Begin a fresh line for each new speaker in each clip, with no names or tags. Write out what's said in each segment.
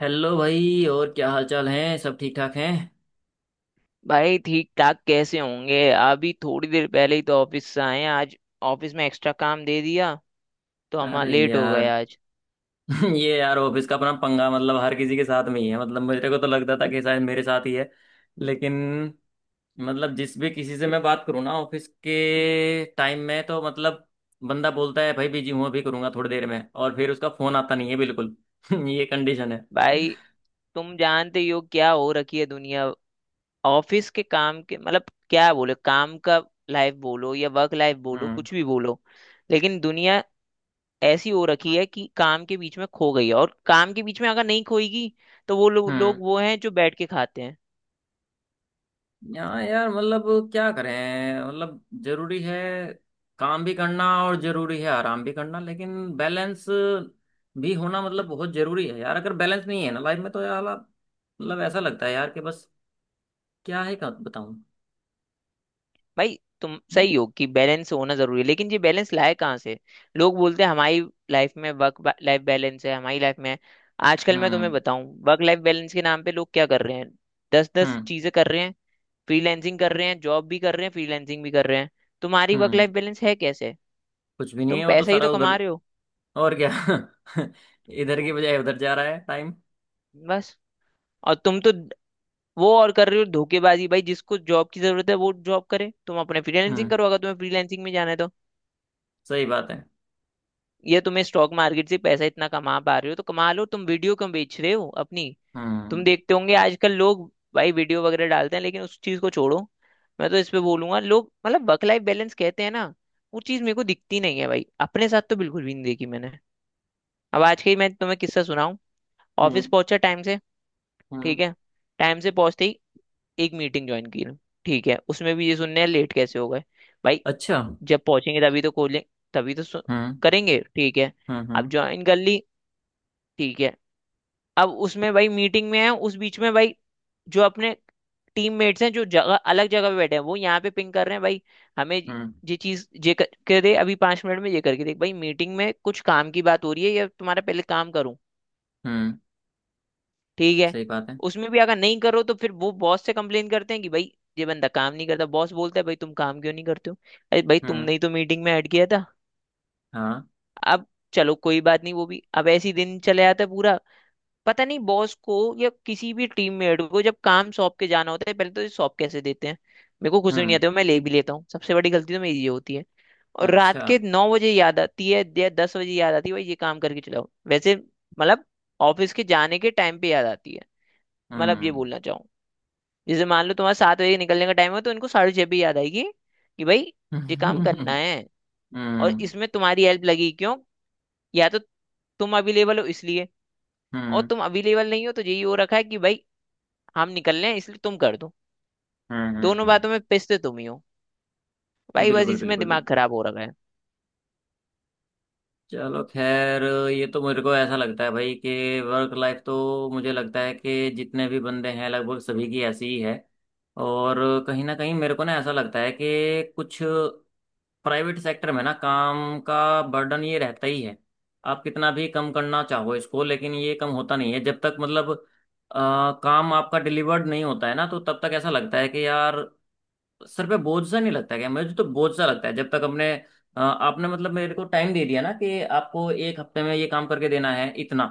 Hello भाई। और क्या हाल चाल है सब ठीक ठाक हैं।
भाई ठीक ठाक कैसे होंगे? अभी थोड़ी देर पहले ही तो ऑफिस से आए हैं आज। ऑफिस में एक्स्ट्रा काम दे दिया तो हम
अरे
लेट हो गए
यार।
आज।
ये यार ऑफिस का अपना पंगा मतलब हर किसी के साथ में ही है। मतलब मेरे को तो लगता था कि शायद मेरे साथ ही है। लेकिन मतलब जिस भी किसी से मैं बात करूँ ना ऑफिस के टाइम में तो मतलब बंदा बोलता है भाई बिजी हूँ अभी करूंगा थोड़ी देर में। और फिर उसका फोन आता नहीं है बिल्कुल। ये कंडीशन है।
भाई तुम जानते ही हो क्या हो रखी है दुनिया। ऑफिस के काम के मतलब क्या बोले, काम का लाइफ बोलो या वर्क लाइफ बोलो,
हम्म।
कुछ भी बोलो, लेकिन दुनिया ऐसी हो रखी है कि काम के बीच में खो गई है। और काम के बीच में अगर नहीं खोएगी तो वो
हम्म
लोग वो हैं जो बैठ के खाते हैं।
यहाँ यार मतलब क्या करें। मतलब जरूरी है काम भी करना और जरूरी है आराम भी करना। लेकिन बैलेंस भी होना मतलब बहुत जरूरी है यार। अगर बैलेंस नहीं है ना लाइफ में तो यार मतलब ऐसा लगता है यार कि बस क्या है क्या बताऊं।
भाई तुम सही हो कि बैलेंस होना जरूरी है, लेकिन ये बैलेंस लाए कहाँ से? लोग बोलते हैं हमारी लाइफ में वर्क लाइफ बैलेंस है, हमारी लाइफ में है। आजकल मैं तुम्हें
हम्म।
बताऊं वर्क लाइफ बैलेंस के नाम पे लोग क्या कर रहे हैं। दस दस
हम्म
चीजें कर रहे हैं। फ्रीलैंसिंग कर रहे हैं, जॉब भी कर रहे हैं, फ्रीलैंसिंग भी कर रहे हैं। तुम्हारी वर्क लाइफ
हम्म
बैलेंस है कैसे?
कुछ भी नहीं
तुम
है वो तो
पैसा ही
सारा
तो कमा
उधर।
रहे हो।
और क्या। इधर की
तुम
बजाय उधर जा रहा है टाइम।
बस, और तुम तो वो और कर रहे हो, धोखेबाजी भाई। जिसको जॉब की जरूरत है वो जॉब करे, तुम अपने फ्रीलैंसिंग
हम्म।
करो अगर तुम्हें फ्रीलैंसिंग में जाना है तो।
सही बात है।
ये तुम्हें स्टॉक मार्केट से पैसा इतना कमा पा रहे हो तो कमा लो, तुम वीडियो क्यों बेच रहे हो अपनी? तुम
हम्म।
देखते होंगे आजकल लोग भाई वीडियो वगैरह डालते हैं, लेकिन उस चीज को छोड़ो। मैं तो इस पे बोलूंगा, लोग मतलब वर्क लाइफ बैलेंस कहते हैं ना, वो चीज मेरे को दिखती नहीं है भाई। अपने साथ तो बिल्कुल भी नहीं देखी मैंने। अब आज के ही मैं तुम्हें किस्सा सुनाऊं। ऑफिस
हम्म।
पहुंचा टाइम से।
हम्म।
ठीक है। टाइम से पहुंचते ही एक मीटिंग ज्वाइन की। ठीक है, उसमें भी ये सुनने हैं लेट कैसे हो गए। भाई
अच्छा।
जब पहुंचेंगे तभी तो खोलें, तभी तो
हम्म।
करेंगे। ठीक है।
हम्म।
अब
हम्म।
ज्वाइन कर ली। ठीक है। अब उसमें भाई मीटिंग में है, उस बीच में भाई जो अपने टीममेट्स हैं जो जगह अलग जगह पे बैठे हैं वो यहाँ पे पिंग कर रहे हैं भाई हमें।
हम्म।
ये चीज ये करके दे अभी 5 मिनट में, ये करके दे। भाई मीटिंग में कुछ काम की बात हो रही है या तुम्हारा पहले काम करूं?
हम्म।
ठीक है।
सही बात है।
उसमें भी अगर नहीं करो तो फिर वो बॉस से कंप्लेन करते हैं कि भाई ये बंदा काम नहीं करता। बॉस बोलता है भाई तुम काम क्यों नहीं करते हो? अरे भाई
हम्म।
तुमने ही तो मीटिंग में ऐड किया था।
हाँ।
अब चलो कोई बात नहीं, वो भी अब ऐसे ही दिन चले जाता है पूरा। पता नहीं बॉस को या किसी भी टीममेट को जब काम सौंप के जाना होता है पहले तो ये सौंप कैसे देते हैं। मेरे को कुछ भी नहीं
हम्म।
आता, मैं ले भी लेता हूँ, सबसे बड़ी गलती तो मेरी ये होती है। और रात
अच्छा।
के 9 बजे याद आती है या 10 बजे याद आती है, भाई ये काम करके चलाओ वैसे। मतलब ऑफिस के जाने के टाइम पे याद आती है। मतलब ये
हम्म।
बोलना चाहूँ, जैसे मान लो तुम्हारा 7 बजे निकलने का टाइम हो तो इनको 6:30 पे याद आएगी कि भाई ये काम करना
हम्म।
है और
हम्म।
इसमें तुम्हारी हेल्प लगेगी। क्यों? या तो तुम अवेलेबल हो इसलिए, और
हम्म।
तुम अवेलेबल नहीं हो तो यही हो रखा है कि भाई हम निकल रहे हैं इसलिए तुम कर दो।
हम्म।
दोनों
हम्म।
बातों में पिसते तुम ही हो भाई, बस
बिल्कुल
इसमें
बिल्कुल
दिमाग
बिल्कुल।
खराब हो रखा है।
चलो खैर। ये तो मेरे को ऐसा लगता है भाई कि वर्क लाइफ तो मुझे लगता है कि जितने भी बंदे हैं लगभग सभी की ऐसी ही है। और कहीं ना कहीं मेरे को ना ऐसा लगता है कि कुछ प्राइवेट सेक्टर में ना काम का बर्डन ये रहता ही है। आप कितना भी कम करना चाहो इसको लेकिन ये कम होता नहीं है जब तक मतलब काम आपका डिलीवर्ड नहीं होता है ना तो तब तक ऐसा लगता है कि यार सर पे बोझ सा नहीं लगता है क्या। मुझे तो बोझ सा लगता है जब तक अपने आपने मतलब मेरे को टाइम दे दिया ना कि आपको एक हफ्ते में ये काम करके देना है इतना।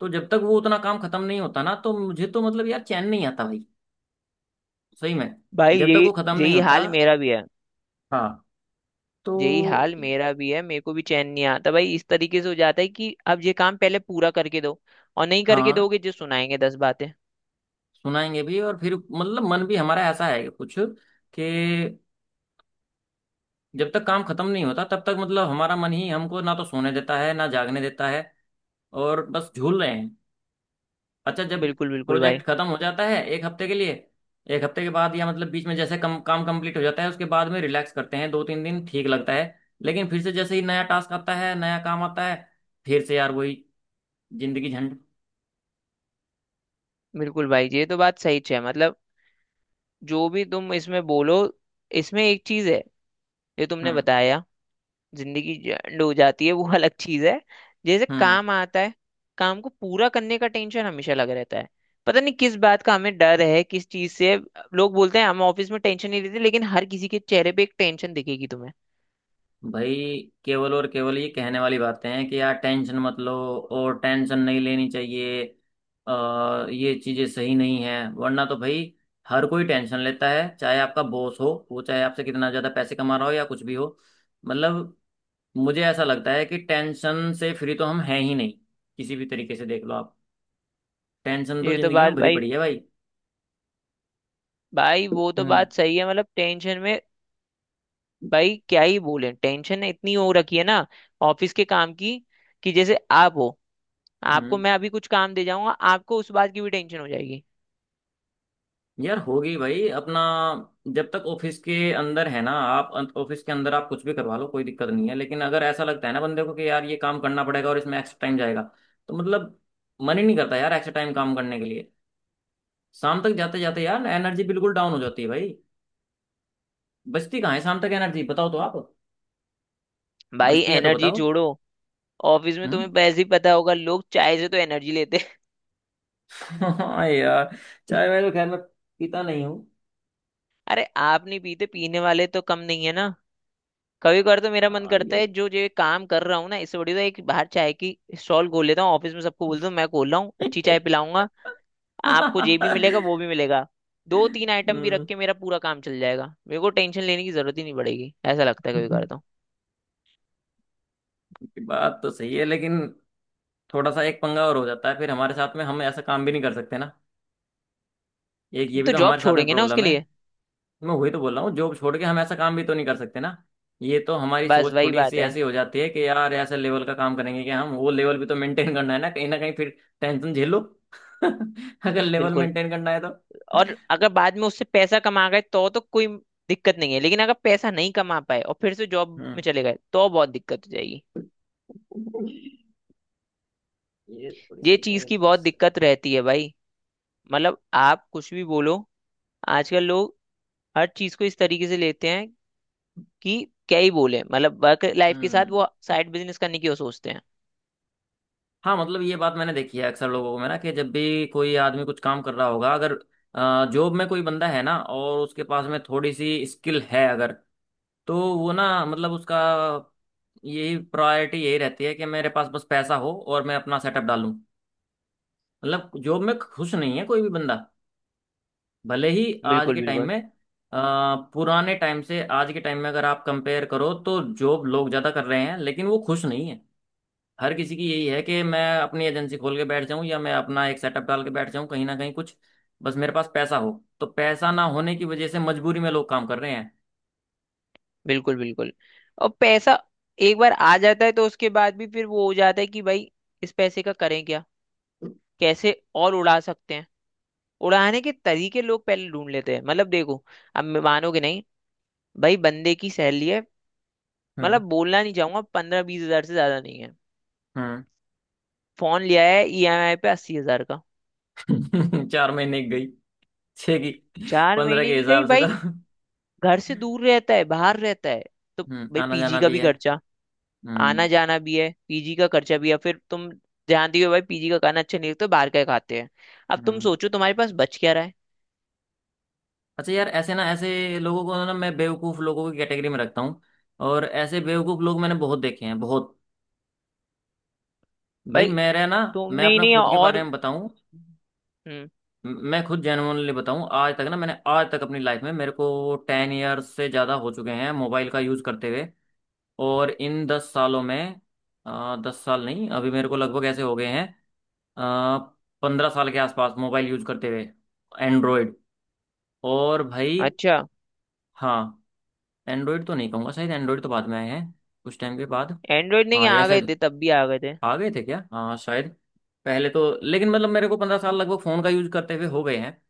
तो जब तक वो उतना काम खत्म नहीं होता ना तो मुझे तो मतलब यार चैन नहीं आता भाई। सही में।
भाई
जब तक
यही
वो खत्म नहीं
यही
होता।
हाल मेरा भी है।
हाँ। तो
यही हाल मेरा भी है, मेरे को भी चैन नहीं आता भाई, इस तरीके से हो जाता है कि अब ये काम पहले पूरा करके दो, और नहीं करके
हाँ
दोगे जो सुनाएंगे 10 बातें।
सुनाएंगे भी और फिर मतलब मन भी हमारा ऐसा है कुछ कि जब तक काम खत्म नहीं होता तब तक मतलब हमारा मन ही हमको ना तो सोने देता है ना जागने देता है। और बस झूल रहे हैं। अच्छा जब
बिल्कुल बिल्कुल
प्रोजेक्ट
भाई।
खत्म हो जाता है एक हफ्ते के लिए, एक हफ्ते के बाद या मतलब बीच में जैसे कम काम कंप्लीट हो जाता है उसके बाद में रिलैक्स करते हैं दो तीन दिन ठीक लगता है। लेकिन फिर से जैसे ही नया टास्क आता है नया काम आता है फिर से यार वही जिंदगी झंड।
बिल्कुल भाई ये तो बात सही है, मतलब जो भी तुम इसमें बोलो, इसमें एक चीज है जो तुमने
हम्म।
बताया, जिंदगी एंड हो जाती है वो अलग चीज है। जैसे
हम्म।
काम आता है, काम को पूरा करने का टेंशन हमेशा लग रहता है। पता नहीं किस बात का हमें डर है, किस चीज से। लोग बोलते हैं हम ऑफिस में टेंशन नहीं लेते, लेकिन हर किसी के चेहरे पे एक टेंशन दिखेगी तुम्हें।
भाई केवल और केवल ये कहने वाली बातें हैं कि यार टेंशन मत लो और टेंशन नहीं लेनी चाहिए। ये चीजें सही नहीं है वरना तो भाई हर कोई टेंशन लेता है चाहे आपका बॉस हो वो चाहे आपसे कितना ज्यादा पैसे कमा रहा हो या कुछ भी हो। मतलब मुझे ऐसा लगता है कि टेंशन से फ्री तो हम हैं ही नहीं किसी भी तरीके से देख लो आप। टेंशन तो
ये तो
जिंदगी में
बात
भरी
भाई,
पड़ी है भाई।
भाई वो तो
हम्म।
बात सही है, मतलब टेंशन में भाई क्या ही बोले। टेंशन इतनी हो रखी है ना ऑफिस के काम की, कि जैसे आप हो, आपको
हम्म
मैं अभी कुछ काम दे जाऊंगा आपको उस बात की भी टेंशन हो जाएगी।
यार होगी भाई। अपना जब तक ऑफिस के अंदर है ना आप ऑफिस के अंदर आप कुछ भी करवा लो कोई दिक्कत नहीं है लेकिन अगर ऐसा लगता है ना बंदे को कि यार ये काम करना पड़ेगा और इसमें एक्स्ट्रा टाइम जाएगा तो मतलब मन ही नहीं करता यार एक्स्ट्रा टाइम काम करने के लिए। शाम तक जाते जाते यार एनर्जी बिल्कुल डाउन हो जाती है भाई। बचती कहाँ है शाम तक एनर्जी बताओ तो आप।
भाई
बचती है तो
एनर्जी
बताओ।
जोड़ो। ऑफिस में तुम्हें
हम्म।
वैसे ही पता होगा, लोग चाय से तो एनर्जी लेते हैं।
हाँ यार। चाय मैं तो खैर मैं पीता नहीं हूँ।
अरे आप नहीं पीते, पीने वाले तो कम नहीं है ना। कभी कभार तो मेरा मन
हाँ,
करता
ये।
है जो जो ये काम कर रहा हूँ ना इससे बढ़िया तो एक बाहर चाय की स्टॉल खोल लेता हूँ। ऑफिस में सबको बोल दूँ मैं खोल रहा हूँ, अच्छी चाय पिलाऊंगा। आपको ये भी मिलेगा
हम्म।
वो भी मिलेगा। दो तीन आइटम भी रख के मेरा पूरा काम चल जाएगा, मेरे को टेंशन लेने की जरूरत ही नहीं पड़ेगी, ऐसा लगता है कभी कभार तो।
ये बात तो सही है लेकिन थोड़ा सा एक पंगा और हो जाता है फिर हमारे साथ में हम ऐसा काम भी नहीं कर सकते ना। एक ये भी
तो
तो
जॉब
हमारे साथ में
छोड़ेंगे ना उसके
प्रॉब्लम है।
लिए।
मैं वही तो बोल रहा हूँ जॉब छोड़ के हम ऐसा काम भी तो नहीं कर सकते ना। ये तो हमारी
बस
सोच
वही
थोड़ी सी
बात है।
ऐसी हो जाती है कि यार ऐसे लेवल का काम करेंगे कि हम वो लेवल भी तो मेंटेन करना है ना कहीं फिर टेंशन झेलो। अगर लेवल
बिल्कुल।
मेंटेन करना है तो।
और अगर बाद में उससे पैसा कमा गए तो कोई दिक्कत नहीं है, लेकिन अगर पैसा नहीं कमा पाए और फिर से जॉब में
हम्म।
चले गए तो बहुत दिक्कत हो जाएगी।
ये थोड़ी
ये
सी
चीज
है
की बहुत
समस्या।
दिक्कत रहती है भाई। मतलब आप कुछ भी बोलो, आजकल लोग हर चीज को इस तरीके से लेते हैं कि क्या ही बोले। मतलब वर्क लाइफ के साथ
हम्म।
वो साइड बिजनेस करने की वो सोचते हैं।
हाँ मतलब ये बात मैंने देखी है अक्सर लोगों को में ना कि जब भी कोई आदमी कुछ काम कर रहा होगा अगर जॉब में कोई बंदा है ना और उसके पास में थोड़ी सी स्किल है अगर तो वो ना मतलब उसका यही प्रायोरिटी यही रहती है कि मेरे पास बस पैसा हो और मैं अपना सेटअप डालूं। मतलब जॉब में खुश नहीं है कोई भी बंदा भले ही आज
बिल्कुल
के टाइम
बिल्कुल,
में पुराने टाइम से आज के टाइम में अगर आप कंपेयर करो तो जॉब लोग ज़्यादा कर रहे हैं लेकिन वो खुश नहीं है। हर किसी की यही है कि मैं अपनी एजेंसी खोल के बैठ जाऊं या मैं अपना एक सेटअप डाल के बैठ जाऊं कहीं ना कहीं कुछ बस मेरे पास पैसा हो। तो पैसा ना होने की वजह से मजबूरी में लोग काम कर रहे हैं।
बिल्कुल बिल्कुल। और पैसा एक बार आ जाता है तो उसके बाद भी फिर वो हो जाता है कि भाई इस पैसे का करें क्या, कैसे और उड़ा सकते हैं। उड़ाने के तरीके लोग पहले ढूंढ लेते हैं। मतलब देखो, अब मानोगे नहीं भाई। बंदे की सैलरी है,
हम्म।
मतलब बोलना नहीं चाहूंगा, 15-20 हज़ार से ज्यादा नहीं है। फोन लिया है ईएमआई पे 80 हज़ार का।
हम्म। 4 महीने की गई छह की।
चार
पंद्रह
महीने
के
की गई
हिसाब से तो।
भाई। घर से दूर रहता है, बाहर रहता है, तो भाई
आना
पीजी
जाना
का
भी
भी
है।
खर्चा, आना
हम्म।
जाना भी है, पीजी का खर्चा भी है। फिर तुम जानती हो भाई पीजी का खाना अच्छा नहीं लगता, बाहर का ही खाते हैं। अब तुम
हम्म।
सोचो तुम्हारे पास बच क्या रहा है।
अच्छा यार ऐसे ना ऐसे लोगों को ना मैं बेवकूफ लोगों की कैटेगरी में रखता हूँ। और ऐसे बेवकूफ लोग मैंने बहुत देखे हैं बहुत। भाई
भाई
मेरा ना मैं
तुमने ही
अपना
नहीं
खुद के
और।
बारे में बताऊं।
हम्म,
मैं खुद जेनुअनली बताऊं आज तक ना मैंने आज तक अपनी लाइफ में मेरे को 10 इयर्स से ज़्यादा हो चुके हैं मोबाइल का यूज़ करते हुए। और इन 10 सालों में 10 साल नहीं अभी मेरे को लगभग ऐसे हो गए हैं आ, 15 साल के आसपास मोबाइल यूज़ करते हुए एंड्रॉयड। और भाई
अच्छा,
हाँ एंड्रॉयड तो नहीं कहूँगा शायद एंड्रॉयड तो बाद में आए हैं कुछ टाइम के बाद।
एंड्रॉइड नहीं
हाँ या
आ गए
शायद
थे तब भी आ गए थे।
आ गए थे क्या हाँ शायद पहले तो। लेकिन
हम्म,
मतलब मेरे को 15 साल लगभग फ़ोन का यूज़ करते हुए हो गए हैं।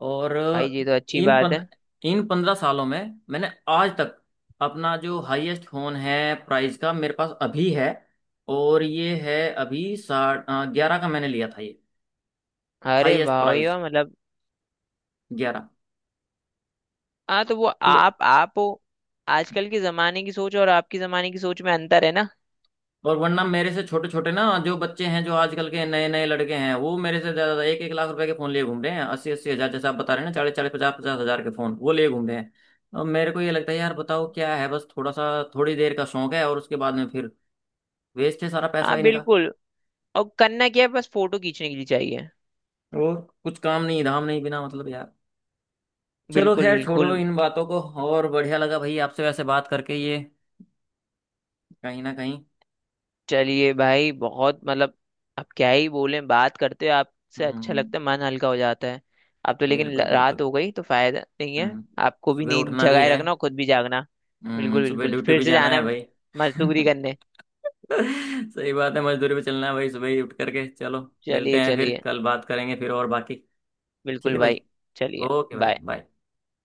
और
भाई ये तो अच्छी
इन
बात
पन,
है।
इन 15 सालों में मैंने आज तक अपना जो हाईएस्ट होन है प्राइस का मेरे पास अभी है। और ये है अभी साठ ग्यारह का मैंने लिया था ये।
अरे
हाईएस्ट
वाह भाई
प्राइस
वाह, मतलब
ग्यारह।
हाँ, तो वो
तो
आप हो। आजकल के जमाने की सोच और आपकी जमाने की सोच में अंतर है ना।
और वरना मेरे से छोटे छोटे ना जो बच्चे हैं जो आजकल के नए नए लड़के हैं वो मेरे से ज्यादा एक एक लाख रुपए के फोन लिए घूम रहे हैं। अस्सी अस्सी हजार जैसे आप बता रहे हैं ना। चालीस चालीस पचास पचास हजार के फोन वो लिए घूम रहे हैं। और मेरे को ये लगता है यार बताओ क्या है बस थोड़ा सा थोड़ी देर का शौक है और उसके बाद में फिर वेस्ट है सारा पैसा
हाँ
इनका।
बिल्कुल। और करना क्या है, बस फोटो खींचने के लिए चाहिए।
और कुछ काम नहीं धाम नहीं बिना मतलब यार चलो
बिल्कुल
खैर छोड़ो
बिल्कुल।
इन बातों को। और बढ़िया लगा भाई आपसे वैसे बात करके ये कहीं ना कहीं।
चलिए भाई, बहुत मतलब अब क्या ही बोलें, बात करते हो आपसे अच्छा
हम्म।
लगता है, मन हल्का हो जाता है। अब तो लेकिन
बिल्कुल
रात
बिल्कुल।
हो गई तो फायदा नहीं है।
हम्म
आपको भी
सुबह
नींद
उठना भी
जगाए
है।
रखना और खुद भी जागना। बिल्कुल
सुबह
बिल्कुल।
ड्यूटी
फिर
भी
से
जाना है
जाना
भाई।
मजदूरी करने।
सही बात है मजदूरी पे चलना है भाई सुबह ही उठ करके चलो। मिलते
चलिए
हैं फिर
चलिए।
कल बात करेंगे फिर और बाकी। ठीक
बिल्कुल
है भाई।
भाई। चलिए।
ओके भाई
बाय।
बाय।